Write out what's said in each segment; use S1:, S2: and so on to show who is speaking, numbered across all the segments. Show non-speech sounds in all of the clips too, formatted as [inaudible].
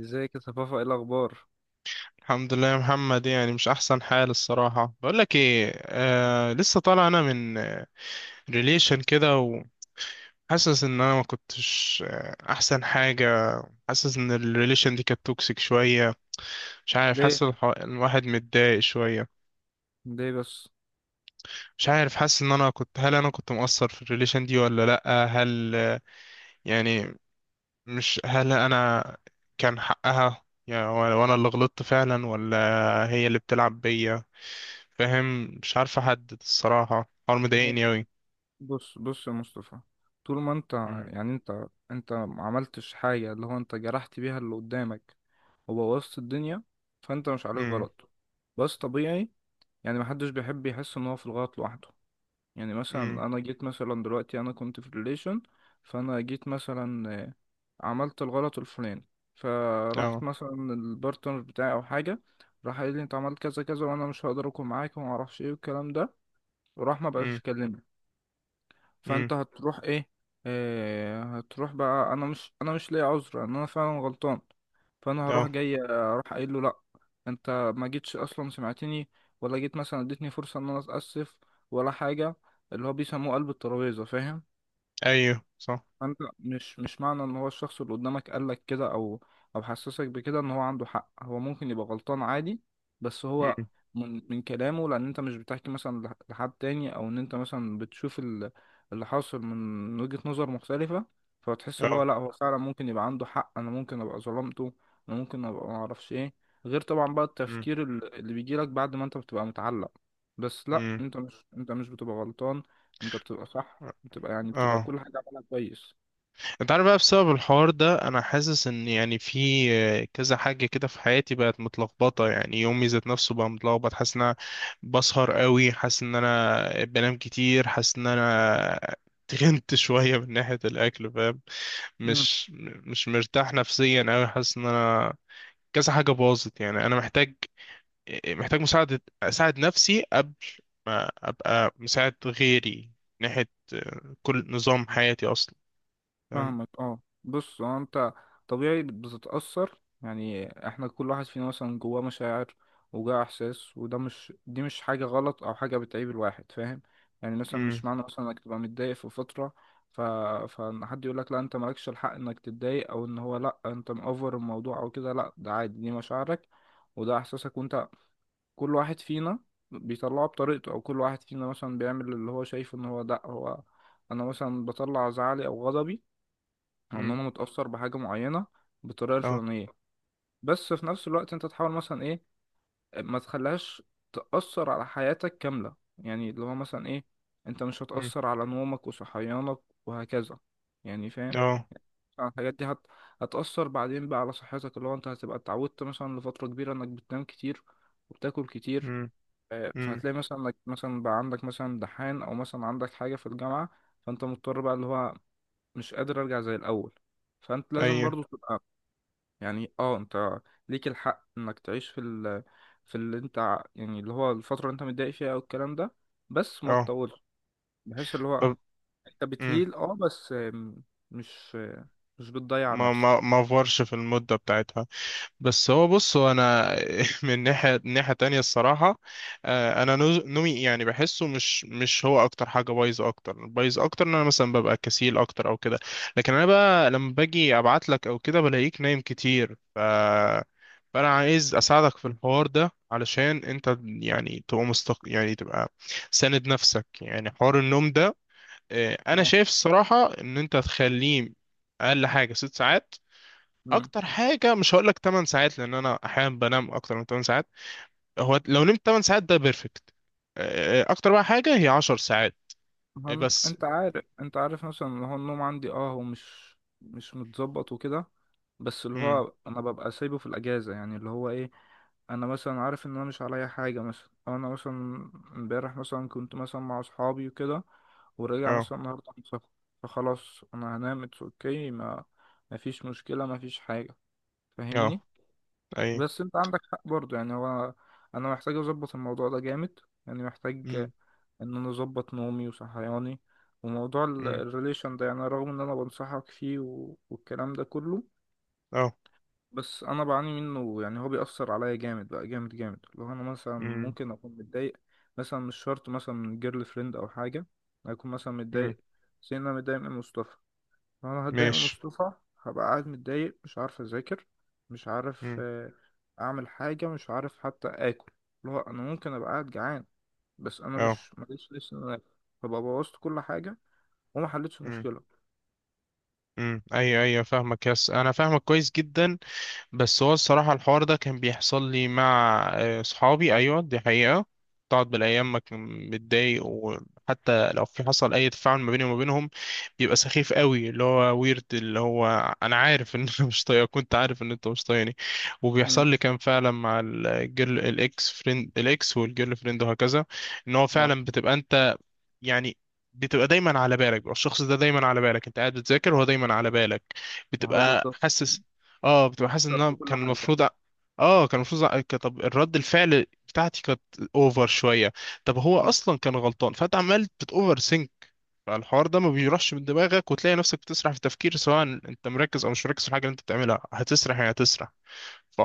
S1: ازيك يا صفافة، ايه الأخبار؟
S2: الحمد لله يا محمد. يعني مش احسن حال الصراحه. بقول لك ايه، لسه طالع انا من ريليشن كده. وحاسس ان انا ما كنتش احسن حاجه. حاسس ان الريليشن دي كانت توكسيك شويه. مش عارف،
S1: ليه؟
S2: حاسس الواحد متضايق شويه.
S1: ليه بس؟
S2: مش عارف، حاسس ان انا كنت، هل انا كنت مقصر في الريليشن دي ولا لا؟ هل يعني، مش هل انا كان حقها يعني وانا اللي غلطت فعلا، ولا هي اللي بتلعب بيا؟ فاهم؟ مش عارف احدد الصراحة، الحوار مضايقني اوي.
S1: بص بص يا مصطفى، طول ما انت
S2: امم.
S1: يعني انت ما عملتش حاجة اللي هو انت جرحت بيها اللي قدامك وبوظت الدنيا، فانت مش عليك
S2: امم.
S1: غلط. بس طبيعي، يعني محدش بيحب يحس ان هو في الغلط لوحده. يعني
S2: امم.
S1: مثلا انا جيت مثلا دلوقتي انا كنت في ريليشن، فانا جيت مثلا عملت الغلط الفلاني، فراحت
S2: اه.
S1: مثلا البارتنر بتاعي او حاجه، راح قال لي انت عملت كذا كذا وانا مش هقدر اكون معاك وما اعرفش ايه والكلام ده، وراح ما بقاش
S2: امم.
S1: يكلمني.
S2: امم.
S1: فانت هتروح ايه؟ هتروح بقى انا مش، انا مش ليا عذر ان انا فعلا غلطان. فانا هروح
S2: اه.
S1: جاي اروح قايل له لا، انت ما جيتش اصلا سمعتني، ولا جيت مثلا اديتني فرصه ان انا اتاسف، ولا حاجه. اللي هو بيسموه قلب الترابيزه، فاهم؟
S2: ايوه، صح.
S1: فانت مش معنى ان هو الشخص اللي قدامك قالك كده او او حسسك بكده ان هو عنده حق، هو ممكن يبقى غلطان عادي. بس هو
S2: امم.
S1: من كلامه، لان انت مش بتحكي مثلا لحد تاني، او ان انت مثلا بتشوف اللي حاصل من وجهة نظر مختلفة، فتحس اللي هو
S2: اه.
S1: لا هو فعلا ممكن يبقى عنده حق، انا ممكن ابقى ظلمته، انا ممكن ابقى معرفش ايه، غير طبعا بقى
S2: امم.
S1: التفكير اللي بيجيلك بعد ما انت بتبقى متعلق. بس لا،
S2: امم.
S1: انت مش، انت مش بتبقى غلطان، انت بتبقى صح، بتبقى يعني بتبقى
S2: اه.
S1: كل حاجة عملها كويس.
S2: انت عارف بقى، بسبب الحوار ده انا حاسس ان يعني في كذا حاجه كده في حياتي بقت متلخبطه. يعني يومي ذات نفسه بقى متلخبط. حاسس ان انا بسهر قوي، حاسس ان انا بنام كتير، حاسس ان انا تخنت [laughs] شويه من ناحيه الاكل، فاهم؟
S1: مم.
S2: مش مش مرتاح نفسيا قوي. حاسس ان انا كذا حاجه باظت، يعني انا محتاج مساعده. اساعد نفسي قبل ما ابقى مساعد غيري. من ناحيه كل نظام حياتي اصلا، فاهم؟
S1: فاهمك. اه بص، هو انت طبيعي بتتأثر، يعني احنا كل واحد فينا مثلا جواه مشاعر وجواه احساس، وده مش، دي مش حاجة غلط او حاجة بتعيب الواحد، فاهم؟ يعني مثلا مش
S2: مم.
S1: معنى مثلا انك تبقى متضايق في فترة ف... فان حد يقول لك لا انت مالكش الحق انك تتضايق، او ان هو لا انت مأفر الموضوع او كده، لا ده عادي، دي مشاعرك وده احساسك، وانت كل واحد فينا بيطلعه بطريقته، او كل واحد فينا مثلا بيعمل اللي هو شايف ان هو ده هو. انا مثلا بطلع زعلي او غضبي، او ان انا متأثر بحاجة معينة بالطريقة
S2: اه.
S1: الفلانية. بس في نفس الوقت انت تحاول مثلا ايه، ما تخليهاش تأثر على حياتك كاملة، يعني اللي هو مثلا ايه، انت مش
S2: مم.
S1: هتأثر على نومك وصحيانك، وهكذا، يعني فاهم؟
S2: اه.
S1: طبعاً الحاجات دي هتأثر بعدين بقى على صحتك، اللي هو انت هتبقى اتعودت مثلا لفترة كبيرة انك بتنام كتير وبتاكل كتير.
S2: مم. مم.
S1: فهتلاقي مثلا انك مثلا بقى عندك مثلا دحان، او مثلا عندك حاجه في الجامعه، فانت مضطر بقى اللي هو مش قادر ارجع زي الاول، فانت لازم
S2: ايوه.
S1: برضو تبقى يعني اه، انت ليك الحق انك تعيش في ال، في اللي انت يعني اللي هو الفتره اللي انت متضايق فيها او الكلام ده، بس ما
S2: اه.
S1: تطولش، بحيث اللي هو
S2: طب.
S1: انت
S2: مم.
S1: بتهيل اه بس مش مش بتضيع
S2: ما ما
S1: نفسك.
S2: ما فورش في المدة بتاعتها. بس هو، بص، هو انا [laughs] من ناحية تانية الصراحة، انا نومي يعني بحسه مش هو اكتر حاجة بايظة. اكتر بايظ اكتر ان انا مثلا ببقى كسيل اكتر او كده. لكن انا بقى لما باجي ابعت لك او كده بلاقيك نايم كتير، فانا عايز اساعدك في الحوار ده علشان انت يعني تبقى يعني تبقى ساند نفسك. يعني حوار النوم ده، انا
S1: اه
S2: شايف الصراحه ان انت تخليه اقل حاجه ست ساعات.
S1: مم.
S2: اكتر حاجه مش هقول لك 8 ساعات لان انا احيانا بنام اكتر من 8 ساعات. هو لو نمت 8 ساعات ده بيرفكت. اكتر بقى حاجه هي 10 ساعات.
S1: ما هو
S2: بس.
S1: انت عارف، انت عارف مثلا اللي هو النوم عندي اه، هو مش متظبط وكده، بس اللي
S2: امم.
S1: هو انا ببقى سايبه في الاجازه، يعني اللي هو ايه، انا مثلا عارف ان انا مش عليا حاجه مثلا، او انا مثلا امبارح مثلا كنت مثلا مع اصحابي وكده، وراجع
S2: اه.
S1: مثلا النهارده من سفر، فخلاص انا هنام اتس اوكي، ما، ما فيش مشكله، ما فيش حاجه،
S2: اه.
S1: فاهمني.
S2: اي.
S1: بس انت عندك حق برضه، يعني هو انا محتاج اظبط الموضوع ده جامد، يعني محتاج
S2: امم.
S1: ان انا اظبط نومي وصحياني. وموضوع
S2: امم.
S1: الريليشن ده، يعني رغم ان انا بنصحك فيه والكلام ده كله،
S2: اه.
S1: بس انا بعاني منه، يعني هو بيأثر عليا جامد بقى جامد جامد. لو انا مثلا
S2: امم.
S1: ممكن اكون متضايق، مثلا مش شرط مثلا من جيرل فريند او حاجه، اكون مثلا
S2: امم.
S1: متضايق زي إن انا متضايق من مصطفى، فانا هتضايق من
S2: ماشي.
S1: مصطفى، هبقى قاعد متضايق مش عارف اذاكر، مش عارف
S2: امم.
S1: اعمل حاجه، مش عارف حتى اكل، اللي هو انا ممكن ابقى قاعد جعان بس انا
S2: اه.
S1: مش ماليش لسه إن أنا آكل. فبقى بوظت كل حاجه وما حلتش
S2: امم.
S1: المشكله.
S2: امم. ايوه، ايوه، فاهمك. يس انا فاهمك كويس جدا. بس هو الصراحة الحوار ده كان بيحصل لي مع صحابي، أيوة دي حقيقة. تقعد بالأيام ما كان متضايق، وحتى لو في حصل أي تفاعل ما بيني وما بينهم بيبقى سخيف قوي. اللي هو ويرد اللي هو أنا عارف إن أنا [laughs] مش طايقك، كنت عارف إن أنت مش طايقني.
S1: مم.
S2: وبيحصل لي كان فعلا مع الجيرل، الإكس فريند، الإكس والجيرل فريند وهكذا. إن هو
S1: اه
S2: فعلا بتبقى أنت، يعني، بتبقى دايما على بالك. بيبقى الشخص ده دايما على بالك. انت قاعد بتذاكر وهو دايما على بالك.
S1: ما هو
S2: بتبقى
S1: بالظبط،
S2: حاسس، اه بتبقى حاسس
S1: مؤثر
S2: ان
S1: في
S2: انا
S1: كل
S2: كان
S1: حاجه.
S2: المفروض اه كان المفروض طب الرد الفعل بتاعتي كانت اوفر شويه. طب هو
S1: مم.
S2: اصلا كان غلطان، فانت عمال بتوفر سينك. فالحوار ده ما بيروحش من دماغك، وتلاقي نفسك بتسرح في التفكير، سواء انت مركز او مش مركز في الحاجه اللي انت بتعملها هتسرح، يعني هتسرح.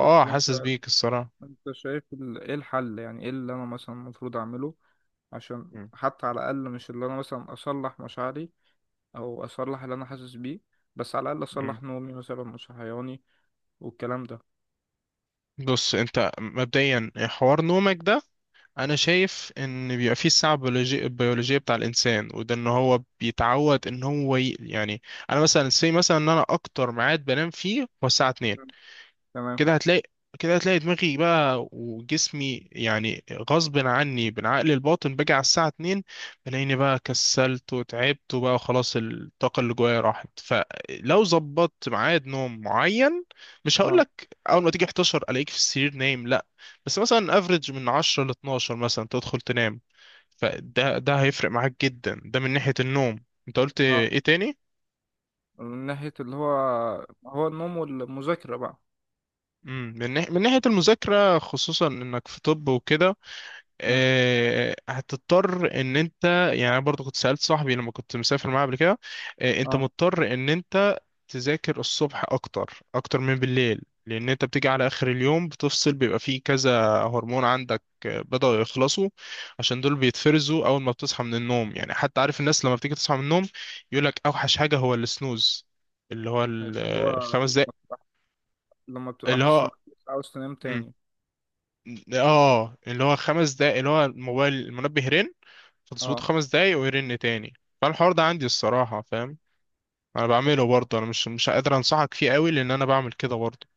S1: طب وانت،
S2: حاسس بيك الصراحه.
S1: انت شايف ايه الحل؟ يعني ايه اللي انا مثلا المفروض اعمله، عشان
S2: مم.
S1: حتى على الاقل مش اللي انا مثلا اصلح مشاعري او اصلح اللي انا حاسس بيه، بس على الاقل
S2: مم.
S1: اصلح نومي مثلا مش صحياني والكلام ده.
S2: بص، انت مبدئيا حوار نومك ده انا شايف ان بيبقى فيه الساعه البيولوجيه بتاع الانسان، وده ان هو بيتعود ان هو يعني انا مثلا سي مثلا ان انا اكتر ميعاد بنام فيه هو الساعه 2.
S1: تمام تمام.
S2: كده هتلاقي كده هتلاقي دماغي بقى وجسمي، يعني غصب عني بالعقل الباطن باجي على الساعة 2 بلاقيني بقى كسلت وتعبت، وبقى خلاص الطاقة اللي جوايا راحت. فلو ظبطت ميعاد نوم معين، مش
S1: اه
S2: هقولك أول ما تيجي 11 ألاقيك في السرير نايم، لأ، بس مثلا افريج من 10 ل 12 مثلا تدخل تنام. فده هيفرق معاك جدا. ده من ناحية النوم، انت قلت
S1: اه،
S2: ايه تاني؟
S1: من ناحية اللي هو هو النوم والمذاكرة بقى.
S2: من ناحية المذاكرة خصوصا انك في طب وكده،
S1: مم.
S2: هتضطر ان انت، يعني انا برضو كنت سألت صاحبي لما كنت مسافر معاه قبل كده، انت
S1: اه
S2: مضطر ان انت تذاكر الصبح اكتر اكتر من بالليل، لان انت بتيجي على اخر اليوم بتفصل. بيبقى فيه كذا هرمون عندك بدأوا يخلصوا، عشان دول بيتفرزوا اول ما بتصحى من النوم. يعني حتى عارف الناس لما بتيجي تصحى من النوم يقول لك اوحش حاجة هو السنوز، اللي هو
S1: اللي هو
S2: الخمس دقايق.
S1: لما بتبقى
S2: اللي
S1: حاسس
S2: هو
S1: انك مش عاوز تنام
S2: مم.
S1: تاني.
S2: اه، اللي هو خمس دقايق، اللي هو الموبايل المنبه رن فتظبطه
S1: اه
S2: خمس دقايق ويرن تاني. فالحوار ده عندي الصراحة، فاهم، انا بعمله برضه. انا مش قادر انصحك فيه قوي لان انا بعمل كده برضه.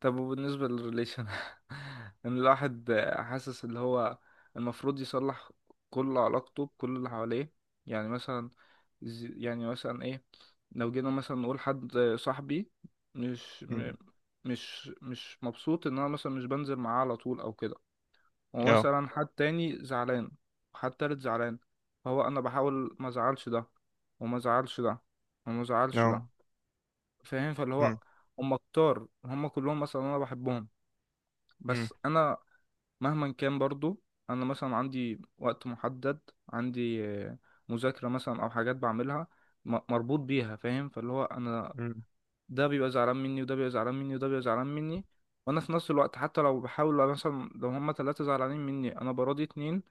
S1: طب وبالنسبة للريليشن [laughs] ان الواحد حاسس اللي هو المفروض يصلح كل علاقته بكل اللي حواليه، يعني مثلا يعني مثلا ايه، لو جينا مثلا نقول حد صاحبي مش م-
S2: مم.
S1: مش مبسوط ان انا مثلا مش بنزل معاه على طول او كده،
S2: اه.
S1: ومثلا حد تاني زعلان وحد تالت زعلان، فهو انا بحاول ما ازعلش ده وما ازعلش ده وما ازعلش ده،
S2: اه.
S1: فاهم؟ فاللي هو
S2: مم.
S1: هم كتار، هم كلهم مثلا انا بحبهم،
S2: مم.
S1: بس انا مهما كان برضو انا مثلا عندي وقت محدد، عندي مذاكرة مثلا او حاجات بعملها مربوط بيها، فاهم؟ فاللي هو انا
S2: مم.
S1: ده بيبقى زعلان مني وده بيبقى زعلان مني وده بيبقى زعلان مني، وانا في نفس الوقت حتى لو بحاول مثلا لو هما ثلاثة زعلانين مني انا براضي اتنين،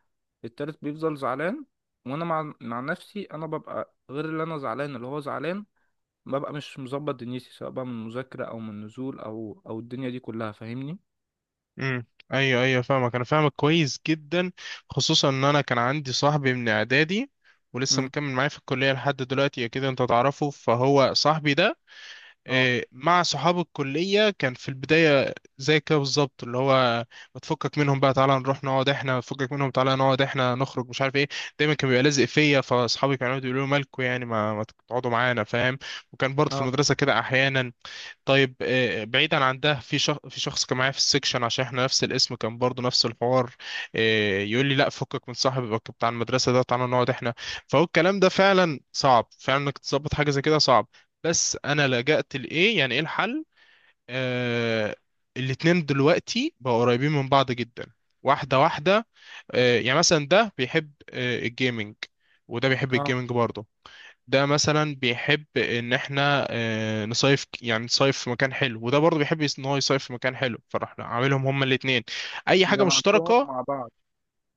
S1: التالت بيفضل زعلان، وانا مع نفسي انا ببقى غير اللي انا زعلان اللي هو زعلان، ببقى مش مظبط دنيتي سواء بقى من مذاكرة او من نزول او او الدنيا دي كلها، فاهمني.
S2: مم. ايوه، ايوه، فاهمك. انا فاهمك كويس جدا. خصوصا ان انا كان عندي صاحبي من اعدادي ولسه
S1: امم
S2: مكمل معايا في الكلية لحد دلوقتي، اكيد انت تعرفه. فهو صاحبي ده
S1: اه
S2: مع صحاب الكلية كان في البداية زي كده بالظبط، اللي هو بتفكك منهم بقى تعالى نروح نقعد احنا، بتفكك منهم تعالى نقعد احنا نخرج، مش عارف ايه. دايما كان بيبقى لازق فيا. فاصحابي كانوا يقعدوا يقولوا لي مالكوا يعني، ما تقعدوا معانا، فاهم؟ وكان برضه في
S1: اه
S2: المدرسة كده احيانا. طيب بعيدا عن ده، في شخص، كان معايا في السكشن عشان احنا نفس الاسم، كان برضو نفس الحوار. يقول لي لا فكك من صاحبك بتاع المدرسه ده، تعالى نقعد احنا. فهو الكلام ده فعلا صعب، فعلا انك تظبط حاجه زي كده صعب. بس انا لجأت لايه؟ يعني ايه الحل؟ آه الاتنين دلوقتي بقوا قريبين من بعض جدا، واحده واحده. يعني مثلا ده بيحب الجيمنج وده بيحب
S1: اه
S2: الجيمنج برضه. ده مثلا بيحب ان احنا نصيف يعني نصيف في مكان حلو، وده برضه بيحب ان هو يصيف في مكان حلو. فرحنا عاملهم هما الاثنين اي حاجه
S1: جمعتهم
S2: مشتركه.
S1: مع بعض.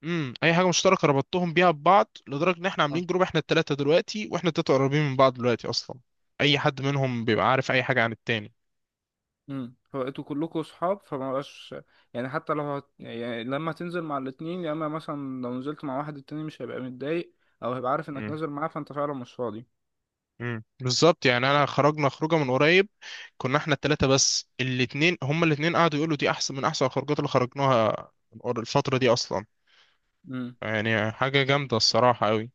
S2: امم، اي حاجه مشتركه ربطتهم بيها ببعض، لدرجه ان احنا
S1: اه
S2: عاملين جروب احنا الثلاثه دلوقتي، واحنا الثلاثه قريبين من بعض دلوقتي اصلا. اي حد منهم بيبقى عارف اي حاجه عن التاني.
S1: فبقيتوا كلكم صحاب فما بقاش، يعني حتى لو يعني لما تنزل مع الاتنين، يا اما مثلا لو نزلت مع واحد التاني مش هيبقى متضايق، او هيبقى عارف انك
S2: امم.
S1: نازل معاه فانت فعلا مش فاضي.
S2: امم، بالظبط، يعني انا خرجنا خروجه من قريب كنا احنا الثلاثه بس، الاثنين هما الاثنين قعدوا يقولوا دي احسن من احسن الخروجات اللي خرجناها الفتره دي اصلا.
S1: امم
S2: يعني حاجة جامدة الصراحة أوي.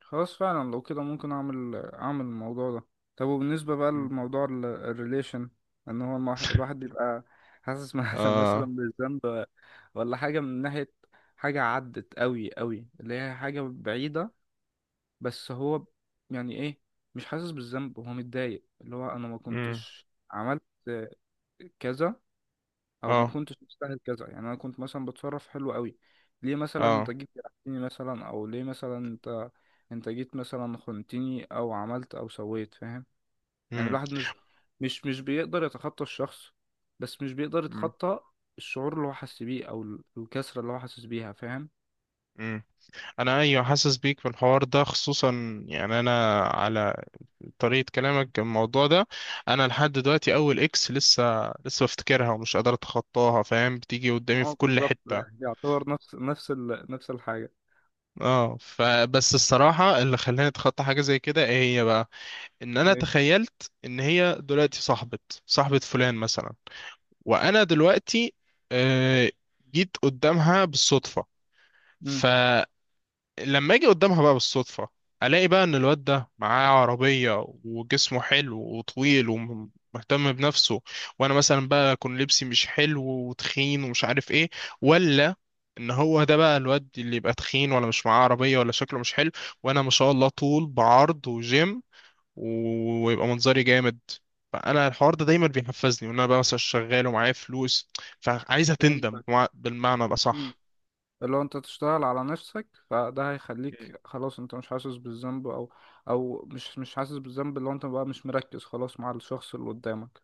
S1: خلاص فعلا لو كده ممكن اعمل، اعمل الموضوع ده. طب وبالنسبة بقى
S2: مم.
S1: لموضوع الريليشن، ان هو الواحد بيبقى حاسس [laughs] مثلا
S2: آه.
S1: بالذنب ولا حاجة من ناحية حاجة عدت قوي قوي اللي هي حاجة بعيدة، بس هو يعني ايه، مش حاسس بالذنب، هو متضايق اللي هو انا ما
S2: مم.
S1: كنتش عملت كذا، او ما
S2: آه.
S1: كنتش مستاهل كذا، يعني انا كنت مثلا بتصرف حلو قوي، ليه مثلا انت
S2: آه.
S1: جيت جرحتني مثلا، او ليه مثلا انت جيت مثلا خنتني او عملت او سويت، فاهم؟ يعني
S2: مم.
S1: الواحد مش، مش بيقدر يتخطى الشخص، بس مش بيقدر
S2: مم.
S1: يتخطى الشعور اللي هو حاسس بيه او الكسرة اللي هو حاسس بيها، فاهم؟
S2: مم. أنا، أيوة، حاسس بيك في الحوار ده، خصوصا يعني أنا على طريقة كلامك الموضوع ده. أنا لحد دلوقتي أول إكس لسه بفتكرها ومش قادر أتخطاها، فاهم؟ بتيجي
S1: ما
S2: قدامي
S1: هو
S2: في كل
S1: بالظبط،
S2: حتة.
S1: يعتبر نفس نفس الحاجة.
S2: اه، فبس الصراحة اللي خلاني اتخطى حاجة زي كده ايه هي بقى؟ ان انا تخيلت ان هي دلوقتي صاحبة، صاحبة فلان مثلا، وانا دلوقتي آه، جيت قدامها بالصدفه.
S1: ايه
S2: فلما اجي قدامها بقى بالصدفه الاقي بقى ان الواد ده معاه عربيه وجسمه حلو وطويل ومهتم بنفسه، وانا مثلا بقى اكون لبسي مش حلو وتخين ومش عارف ايه. ولا ان هو ده بقى الواد اللي يبقى تخين ولا مش معاه عربيه ولا شكله مش حلو، وانا ما شاء الله طول بعرض وجيم، ويبقى منظري جامد. فانا الحوار ده دايما بيحفزني وان انا بقى مثلا شغال ومعايا فلوس، فعايزه تندم
S1: فهمتك.
S2: بالمعنى
S1: مم.
S2: الاصح.
S1: لو انت تشتغل على نفسك فده
S2: مم.
S1: هيخليك خلاص انت مش حاسس بالذنب، او او مش حاسس بالذنب لو انت بقى مش مركز خلاص مع الشخص اللي قدامك.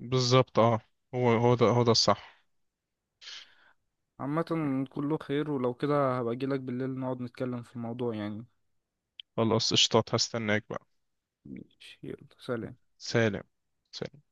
S2: بالظبط. اه، هو هو ده، هو ده الصح.
S1: عامة كله خير، ولو كده هبقى اجيلك بالليل نقعد نتكلم في الموضوع يعني.
S2: خلاص قشطات، هستناك بقى.
S1: ماشي، يلا سلام.
S2: سلام. سلام.